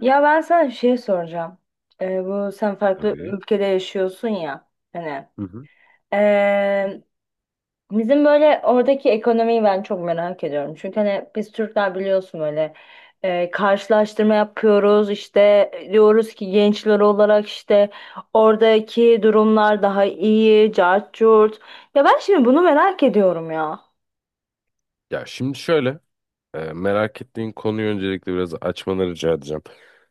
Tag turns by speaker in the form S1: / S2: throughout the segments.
S1: Ya ben sana bir şey soracağım. Bu sen farklı
S2: Tabii.
S1: ülkede yaşıyorsun ya hani.
S2: Hı hı.
S1: Ee, bizim böyle oradaki ekonomiyi ben çok merak ediyorum. Çünkü hani biz Türkler biliyorsun böyle karşılaştırma yapıyoruz işte, diyoruz ki gençler olarak işte oradaki durumlar daha iyi, cart curt. Ya ben şimdi bunu merak ediyorum ya.
S2: Ya şimdi şöyle, merak ettiğin konuyu öncelikle biraz açmanı rica edeceğim.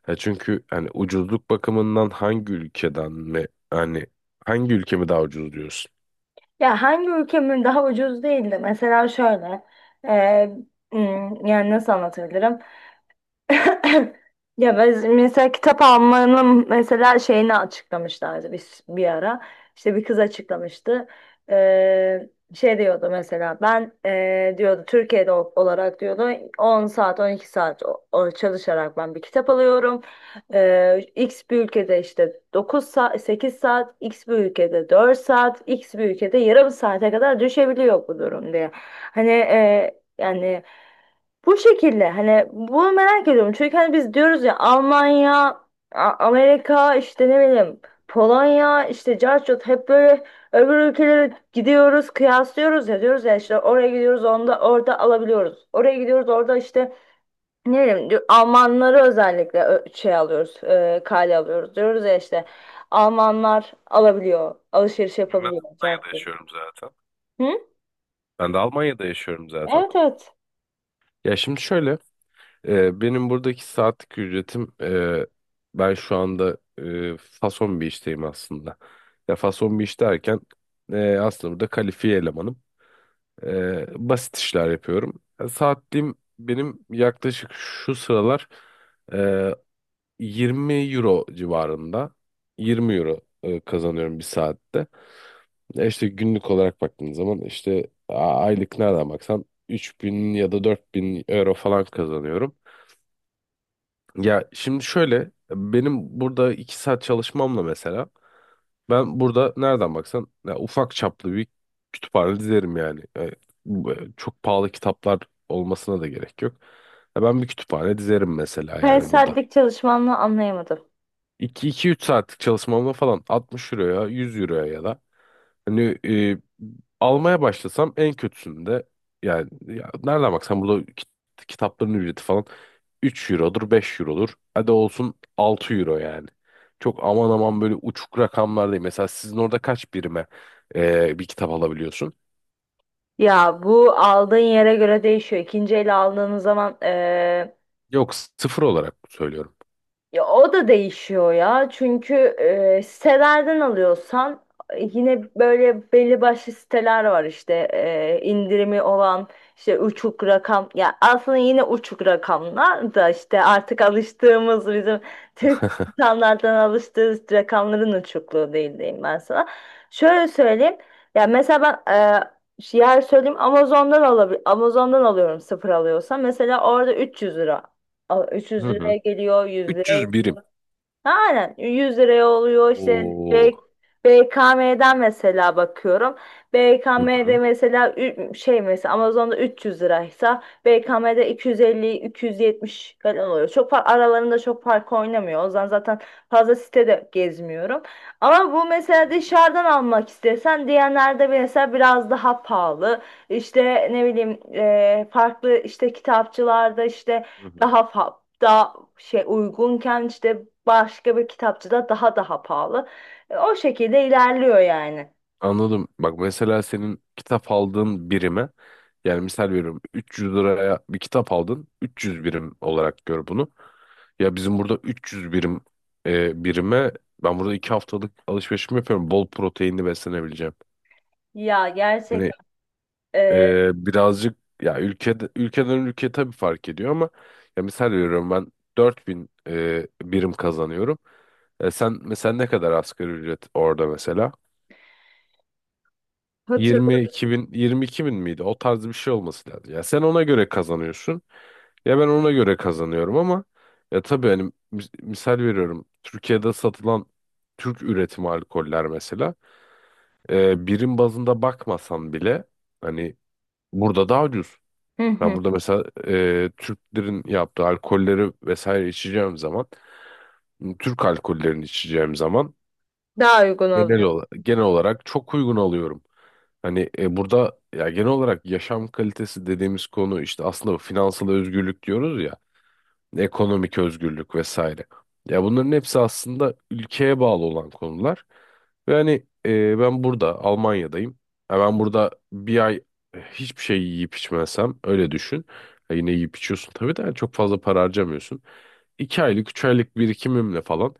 S2: Ha, çünkü hani ucuzluk bakımından hangi ülkeden mi, hani hangi ülke mi daha ucuz diyorsun?
S1: Ya hangi ülkemin daha ucuz değildi? Mesela şöyle, e, yani nasıl anlatabilirim? Ya biz mesela kitap almanın mesela şeyini açıklamışlardı biz bir ara. İşte bir kız açıklamıştı. Şey diyordu mesela ben diyordu Türkiye'de olarak diyordu 10 saat 12 saat o çalışarak ben bir kitap alıyorum. X bir ülkede işte 9 saat 8 saat X bir ülkede 4 saat X bir ülkede yarım saate kadar düşebiliyor bu durum diye. Hani yani bu şekilde hani bunu merak ediyorum. Çünkü hani biz diyoruz ya Almanya, Amerika işte ne bileyim Polonya işte Carchot, hep böyle öbür ülkelere gidiyoruz, kıyaslıyoruz ya, diyoruz ya
S2: Hı
S1: işte
S2: hı.
S1: oraya gidiyoruz onda orada alabiliyoruz. Oraya gidiyoruz orada işte ne bileyim Almanları özellikle şey alıyoruz, kale alıyoruz diyoruz ya işte Almanlar alabiliyor, alışveriş
S2: Ben
S1: yapabiliyor
S2: Almanya'da
S1: Carchot.
S2: yaşıyorum zaten.
S1: Hı?
S2: Ben de Almanya'da yaşıyorum zaten.
S1: Evet, evet.
S2: Ya şimdi şöyle, benim buradaki saatlik ücretim, ben şu anda fason bir işteyim aslında. Ya fason bir iş derken aslında burada kalifiye elemanım. Basit işler yapıyorum. E, Saatliğim benim yaklaşık şu sıralar e, 20 euro civarında. 20 euro kazanıyorum bir saatte. İşte günlük olarak baktığın zaman işte aylık nereden baksan 3000 ya da 4000 euro falan kazanıyorum. Ya şimdi şöyle, benim burada 2 saat çalışmamla mesela ben burada nereden baksan ya ufak çaplı bir kütüphane dizerim yani. E, bu, çok pahalı kitaplar olmasına da gerek yok. Ya ben bir kütüphane dizerim mesela,
S1: Kare
S2: yani burada.
S1: saatlik çalışmanı anlayamadım.
S2: 2 3 saatlik çalışmamla falan 60 euroya, 100 euroya ya da, hani, almaya başlasam en kötüsünde, yani, ya, nereden baksan burada, kitapların ücreti falan 3 eurodur, 5 eurodur. Hadi olsun 6 euro yani. Çok aman aman böyle uçuk rakamlar değil. Mesela sizin orada kaç birime bir kitap alabiliyorsun?
S1: Ya bu aldığın yere göre değişiyor. İkinci el aldığınız zaman
S2: Yok, sıfır olarak söylüyorum.
S1: ya o da değişiyor ya. Çünkü sitelerden alıyorsan, yine böyle belli başlı siteler var işte, indirimi olan işte uçuk rakam ya, aslında yine uçuk rakamlar da işte artık alıştığımız bizim Türk standarttan alıştığımız rakamların uçukluğu değil diyeyim ben sana. Şöyle söyleyeyim. Ya mesela ben şu yer söyleyeyim, Amazon'dan alabilir, Amazon'dan alıyorum sıfır alıyorsam mesela orada 300 lira. 300
S2: Hı hı.
S1: liraya geliyor, 100 liraya,
S2: 300 birim.
S1: aynen 100 liraya oluyor işte,
S2: Oo.
S1: BKM'den mesela bakıyorum.
S2: Hı
S1: BKM'de
S2: hı.
S1: mesela şey, mesela Amazon'da 300 liraysa BKM'de 250-270 falan oluyor. Çok fark, aralarında çok fark oynamıyor. O zaman zaten fazla sitede gezmiyorum. Ama bu
S2: Hı
S1: mesela
S2: hı.
S1: dışarıdan almak istesen diyenlerde mesela biraz daha pahalı. İşte ne bileyim, farklı işte kitapçılarda işte
S2: Hı hı.
S1: daha daha şey uygunken, işte başka bir kitapçıda daha pahalı. O şekilde ilerliyor yani.
S2: Anladım. Bak, mesela senin kitap aldığın birime, yani misal veriyorum 300 liraya bir kitap aldın, 300 birim olarak gör bunu. Ya bizim burada 300 birime ben burada 2 haftalık alışverişimi yapıyorum. Bol proteinli beslenebileceğim.
S1: Ya
S2: Hani,
S1: gerçekten. e,
S2: birazcık, ya, ülkeden ülkeye tabii fark ediyor ama ya, misal veriyorum, ben 4000 birim kazanıyorum. E, sen mesela ne kadar asgari ücret orada mesela?
S1: hatır-
S2: 22 bin, 22 bin miydi? O tarz bir şey olması lazım. Ya sen ona göre kazanıyorsun. Ya ben ona göre kazanıyorum ama ya, tabii, hani, misal veriyorum. Türkiye'de satılan Türk üretimi alkoller mesela, birim bazında bakmasan bile, hani burada daha ucuz.
S1: Hı
S2: Ben
S1: hı.
S2: burada mesela Türklerin yaptığı alkolleri vesaire içeceğim zaman, Türk alkollerini içeceğim zaman
S1: Daha uygun
S2: genel
S1: oluyor.
S2: olarak, genel olarak çok uygun alıyorum. Hani, burada ya, genel olarak yaşam kalitesi dediğimiz konu işte, aslında finansal özgürlük diyoruz ya, ekonomik özgürlük vesaire. Ya bunların hepsi aslında ülkeye bağlı olan konular. Ve hani, ben burada Almanya'dayım. Ya ben burada bir ay hiçbir şey yiyip içmezsem, öyle düşün. Ya yine yiyip içiyorsun tabii de, yani çok fazla para harcamıyorsun. 2 aylık, 3 aylık birikimimle falan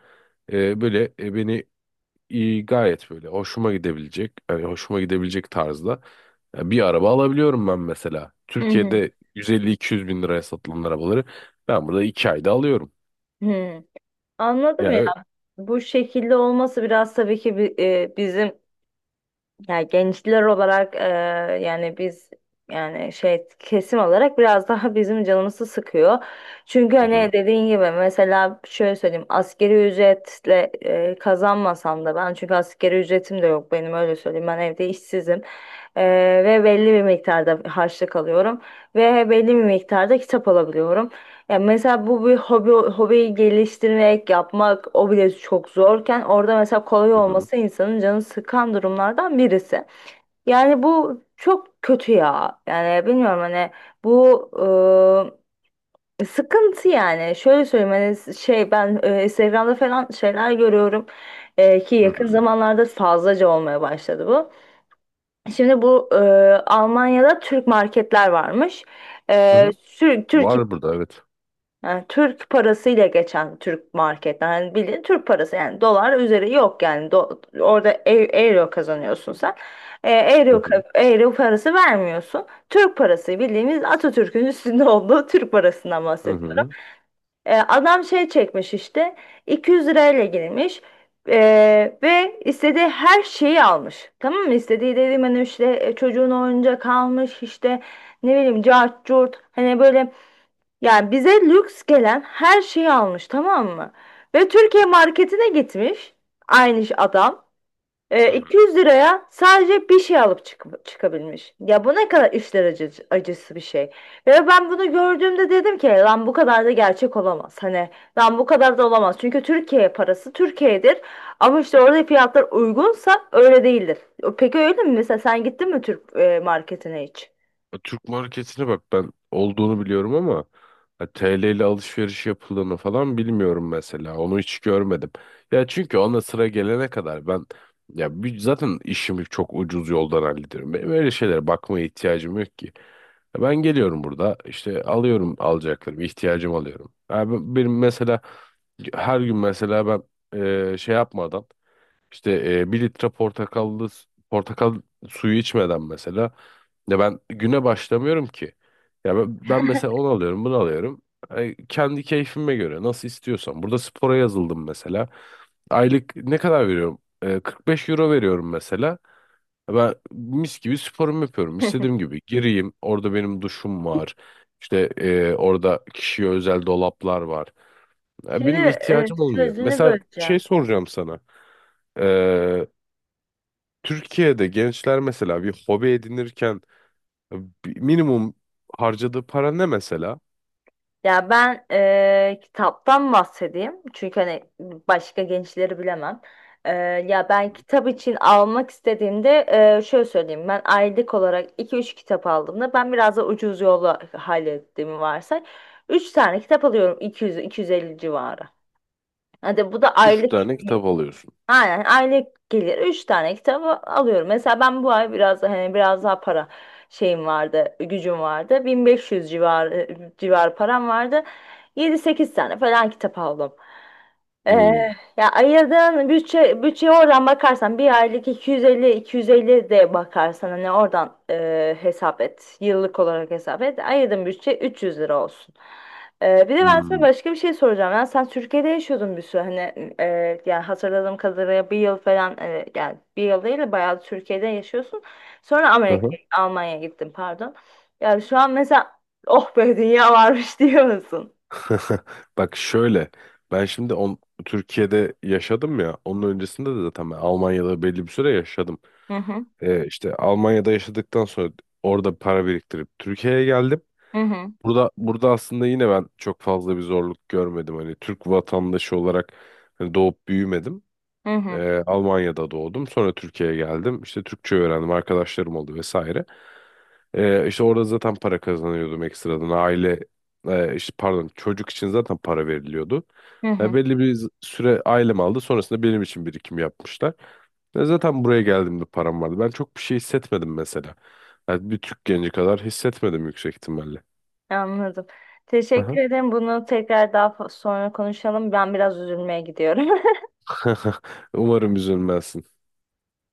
S2: böyle, beni iyi, gayet böyle hoşuma gidebilecek, yani hoşuma gidebilecek tarzda bir araba alabiliyorum ben mesela.
S1: Hı hı.
S2: Türkiye'de 150-200 bin liraya satılan arabaları ben burada 2 ayda alıyorum.
S1: Hı. Anladım
S2: Ya,
S1: ya.
S2: evet.
S1: Bu şekilde olması biraz tabii ki bizim, ya gençler olarak, yani biz, yani şey kesim olarak biraz daha bizim canımızı sıkıyor. Çünkü
S2: Hı
S1: hani
S2: hı,
S1: dediğin gibi mesela şöyle söyleyeyim, askeri ücretle kazanmasam da ben, çünkü askeri ücretim de yok benim, öyle söyleyeyim, ben evde işsizim. E, ve belli bir miktarda harçlık alıyorum ve belli bir miktarda kitap alabiliyorum. Ya mesela bu bir hobiyi geliştirmek, yapmak o bile çok zorken, orada mesela kolay
S2: hı hı,
S1: olması insanın canını sıkan durumlardan birisi. Yani bu çok kötü ya. Yani bilmiyorum hani, bu sıkıntı yani. Şöyle söyleyeyim, hani şey ben Instagram'da falan şeyler görüyorum, ki
S2: hı
S1: yakın
S2: hı,
S1: zamanlarda fazlaca olmaya başladı bu. Şimdi bu Almanya'da Türk marketler varmış.
S2: hı hı.
S1: Türkiye'de,
S2: Var burada, evet.
S1: yani Türk parasıyla geçen Türk marketten. Hani bildiğin Türk parası yani, dolar üzeri yok yani. Orada euro kazanıyorsun sen. E,
S2: Hı
S1: euro,
S2: hı,
S1: ka- euro parası vermiyorsun. Türk parası, bildiğimiz Atatürk'ün üstünde olduğu Türk parasından
S2: hı
S1: bahsediyorum.
S2: hı,
S1: Adam şey çekmiş işte, 200 lirayla girmiş. Ve istediği her şeyi almış. Tamam mı? İstediği dediğim hani işte, çocuğun oyuncak almış işte ne bileyim cart curt, hani böyle yani bize lüks gelen her şeyi almış, tamam mı? Ve
S2: hı hı,
S1: Türkiye marketine gitmiş aynı iş adam.
S2: hı hı.
S1: 200 liraya sadece bir şey alıp çıkabilmiş. Ya bu ne kadar işler, acı acısı bir şey. Ve ben bunu gördüğümde dedim ki, lan bu kadar da gerçek olamaz. Hani lan bu kadar da olamaz. Çünkü Türkiye parası Türkiye'dir. Ama işte orada fiyatlar uygunsa öyle değildir. Peki öyle mi? Mesela sen gittin mi Türk marketine hiç?
S2: Türk marketine bak, ben olduğunu biliyorum ama ya, TL ile alışveriş yapıldığını falan bilmiyorum mesela. Onu hiç görmedim. Ya çünkü ona sıra gelene kadar ben, ya, zaten işimi çok ucuz yoldan hallediyorum. Benim öyle şeylere bakmaya ihtiyacım yok ki. Ya ben geliyorum burada, işte alıyorum alacaklarımı, ihtiyacımı alıyorum. Ya, benim mesela her gün mesela ben şey yapmadan, işte, 1 litre portakal suyu içmeden mesela, ya ben güne başlamıyorum ki. Ya, ben mesela onu alıyorum, bunu alıyorum. Ay, kendi keyfime göre nasıl istiyorsam. Burada spora yazıldım mesela. Aylık ne kadar veriyorum? 45 euro veriyorum mesela. Ben mis gibi sporumu yapıyorum. İstediğim gibi gireyim. Orada benim duşum var. İşte, orada kişiye özel dolaplar var. Ya
S1: Şimdi
S2: benim ihtiyacım olmuyor.
S1: sözünü
S2: Mesela şey
S1: böleceğim.
S2: soracağım sana. Türkiye'de gençler mesela bir hobi edinirken e, bir minimum harcadığı para ne mesela?
S1: Ya ben kitaptan bahsedeyim. Çünkü hani başka gençleri bilemem. Eee, ya
S2: Hı
S1: ben
S2: hı.
S1: kitap için almak istediğimde, şöyle söyleyeyim. Ben aylık olarak iki üç kitap aldığımda, ben biraz da ucuz yolla hallettiğimi varsay. Üç tane kitap alıyorum, 200-250 civarı. Hadi bu da
S2: Üç
S1: aylık.
S2: tane kitap alıyorsun.
S1: Aynen, aylık gelir. Üç tane kitabı alıyorum. Mesela ben bu ay biraz hani biraz daha para şeyim vardı, gücüm vardı. 1500 civar param vardı. Yedi sekiz tane falan kitap aldım. Ee,
S2: Hmm.
S1: ya ayırdığın bütçeye oradan bakarsan bir aylık, iki yüz elli de bakarsan hani oradan hesap et. Yıllık olarak hesap et. Ayırdığın bütçe 300 lira olsun. Bir de ben sana
S2: Hmm.
S1: başka bir şey soracağım. Yani sen Türkiye'de yaşıyordun bir süre. Hani yani hatırladığım kadarıyla bir yıl falan, yani bir yıl değil de bayağı Türkiye'de yaşıyorsun. Sonra
S2: Hı
S1: Amerika,
S2: hı.
S1: Almanya'ya gittin pardon. Yani şu an mesela, oh be dünya varmış diyor musun?
S2: Bak şöyle, ben şimdi Türkiye'de yaşadım ya, onun öncesinde de zaten ben Almanya'da belli bir süre yaşadım.
S1: Hı hı,
S2: İşte Almanya'da yaşadıktan sonra orada para biriktirip Türkiye'ye geldim.
S1: hı hı,
S2: Burada aslında yine ben çok fazla bir zorluk görmedim. Hani Türk vatandaşı olarak hani doğup büyümedim.
S1: hı hı,
S2: Almanya'da doğdum. Sonra Türkiye'ye geldim. İşte Türkçe öğrendim. Arkadaşlarım oldu vesaire. İşte orada zaten para kazanıyordum ekstradan. İşte pardon, çocuk için zaten para veriliyordu.
S1: hı
S2: Ya
S1: hı.
S2: belli bir süre ailem aldı. Sonrasında benim için birikim yapmışlar. Ya zaten buraya geldiğimde param vardı. Ben çok bir şey hissetmedim mesela. Yani bir Türk genci kadar hissetmedim yüksek ihtimalle.
S1: Anladım. Teşekkür
S2: Aha.
S1: ederim. Bunu tekrar daha sonra konuşalım. Ben biraz üzülmeye gidiyorum.
S2: Umarım üzülmezsin.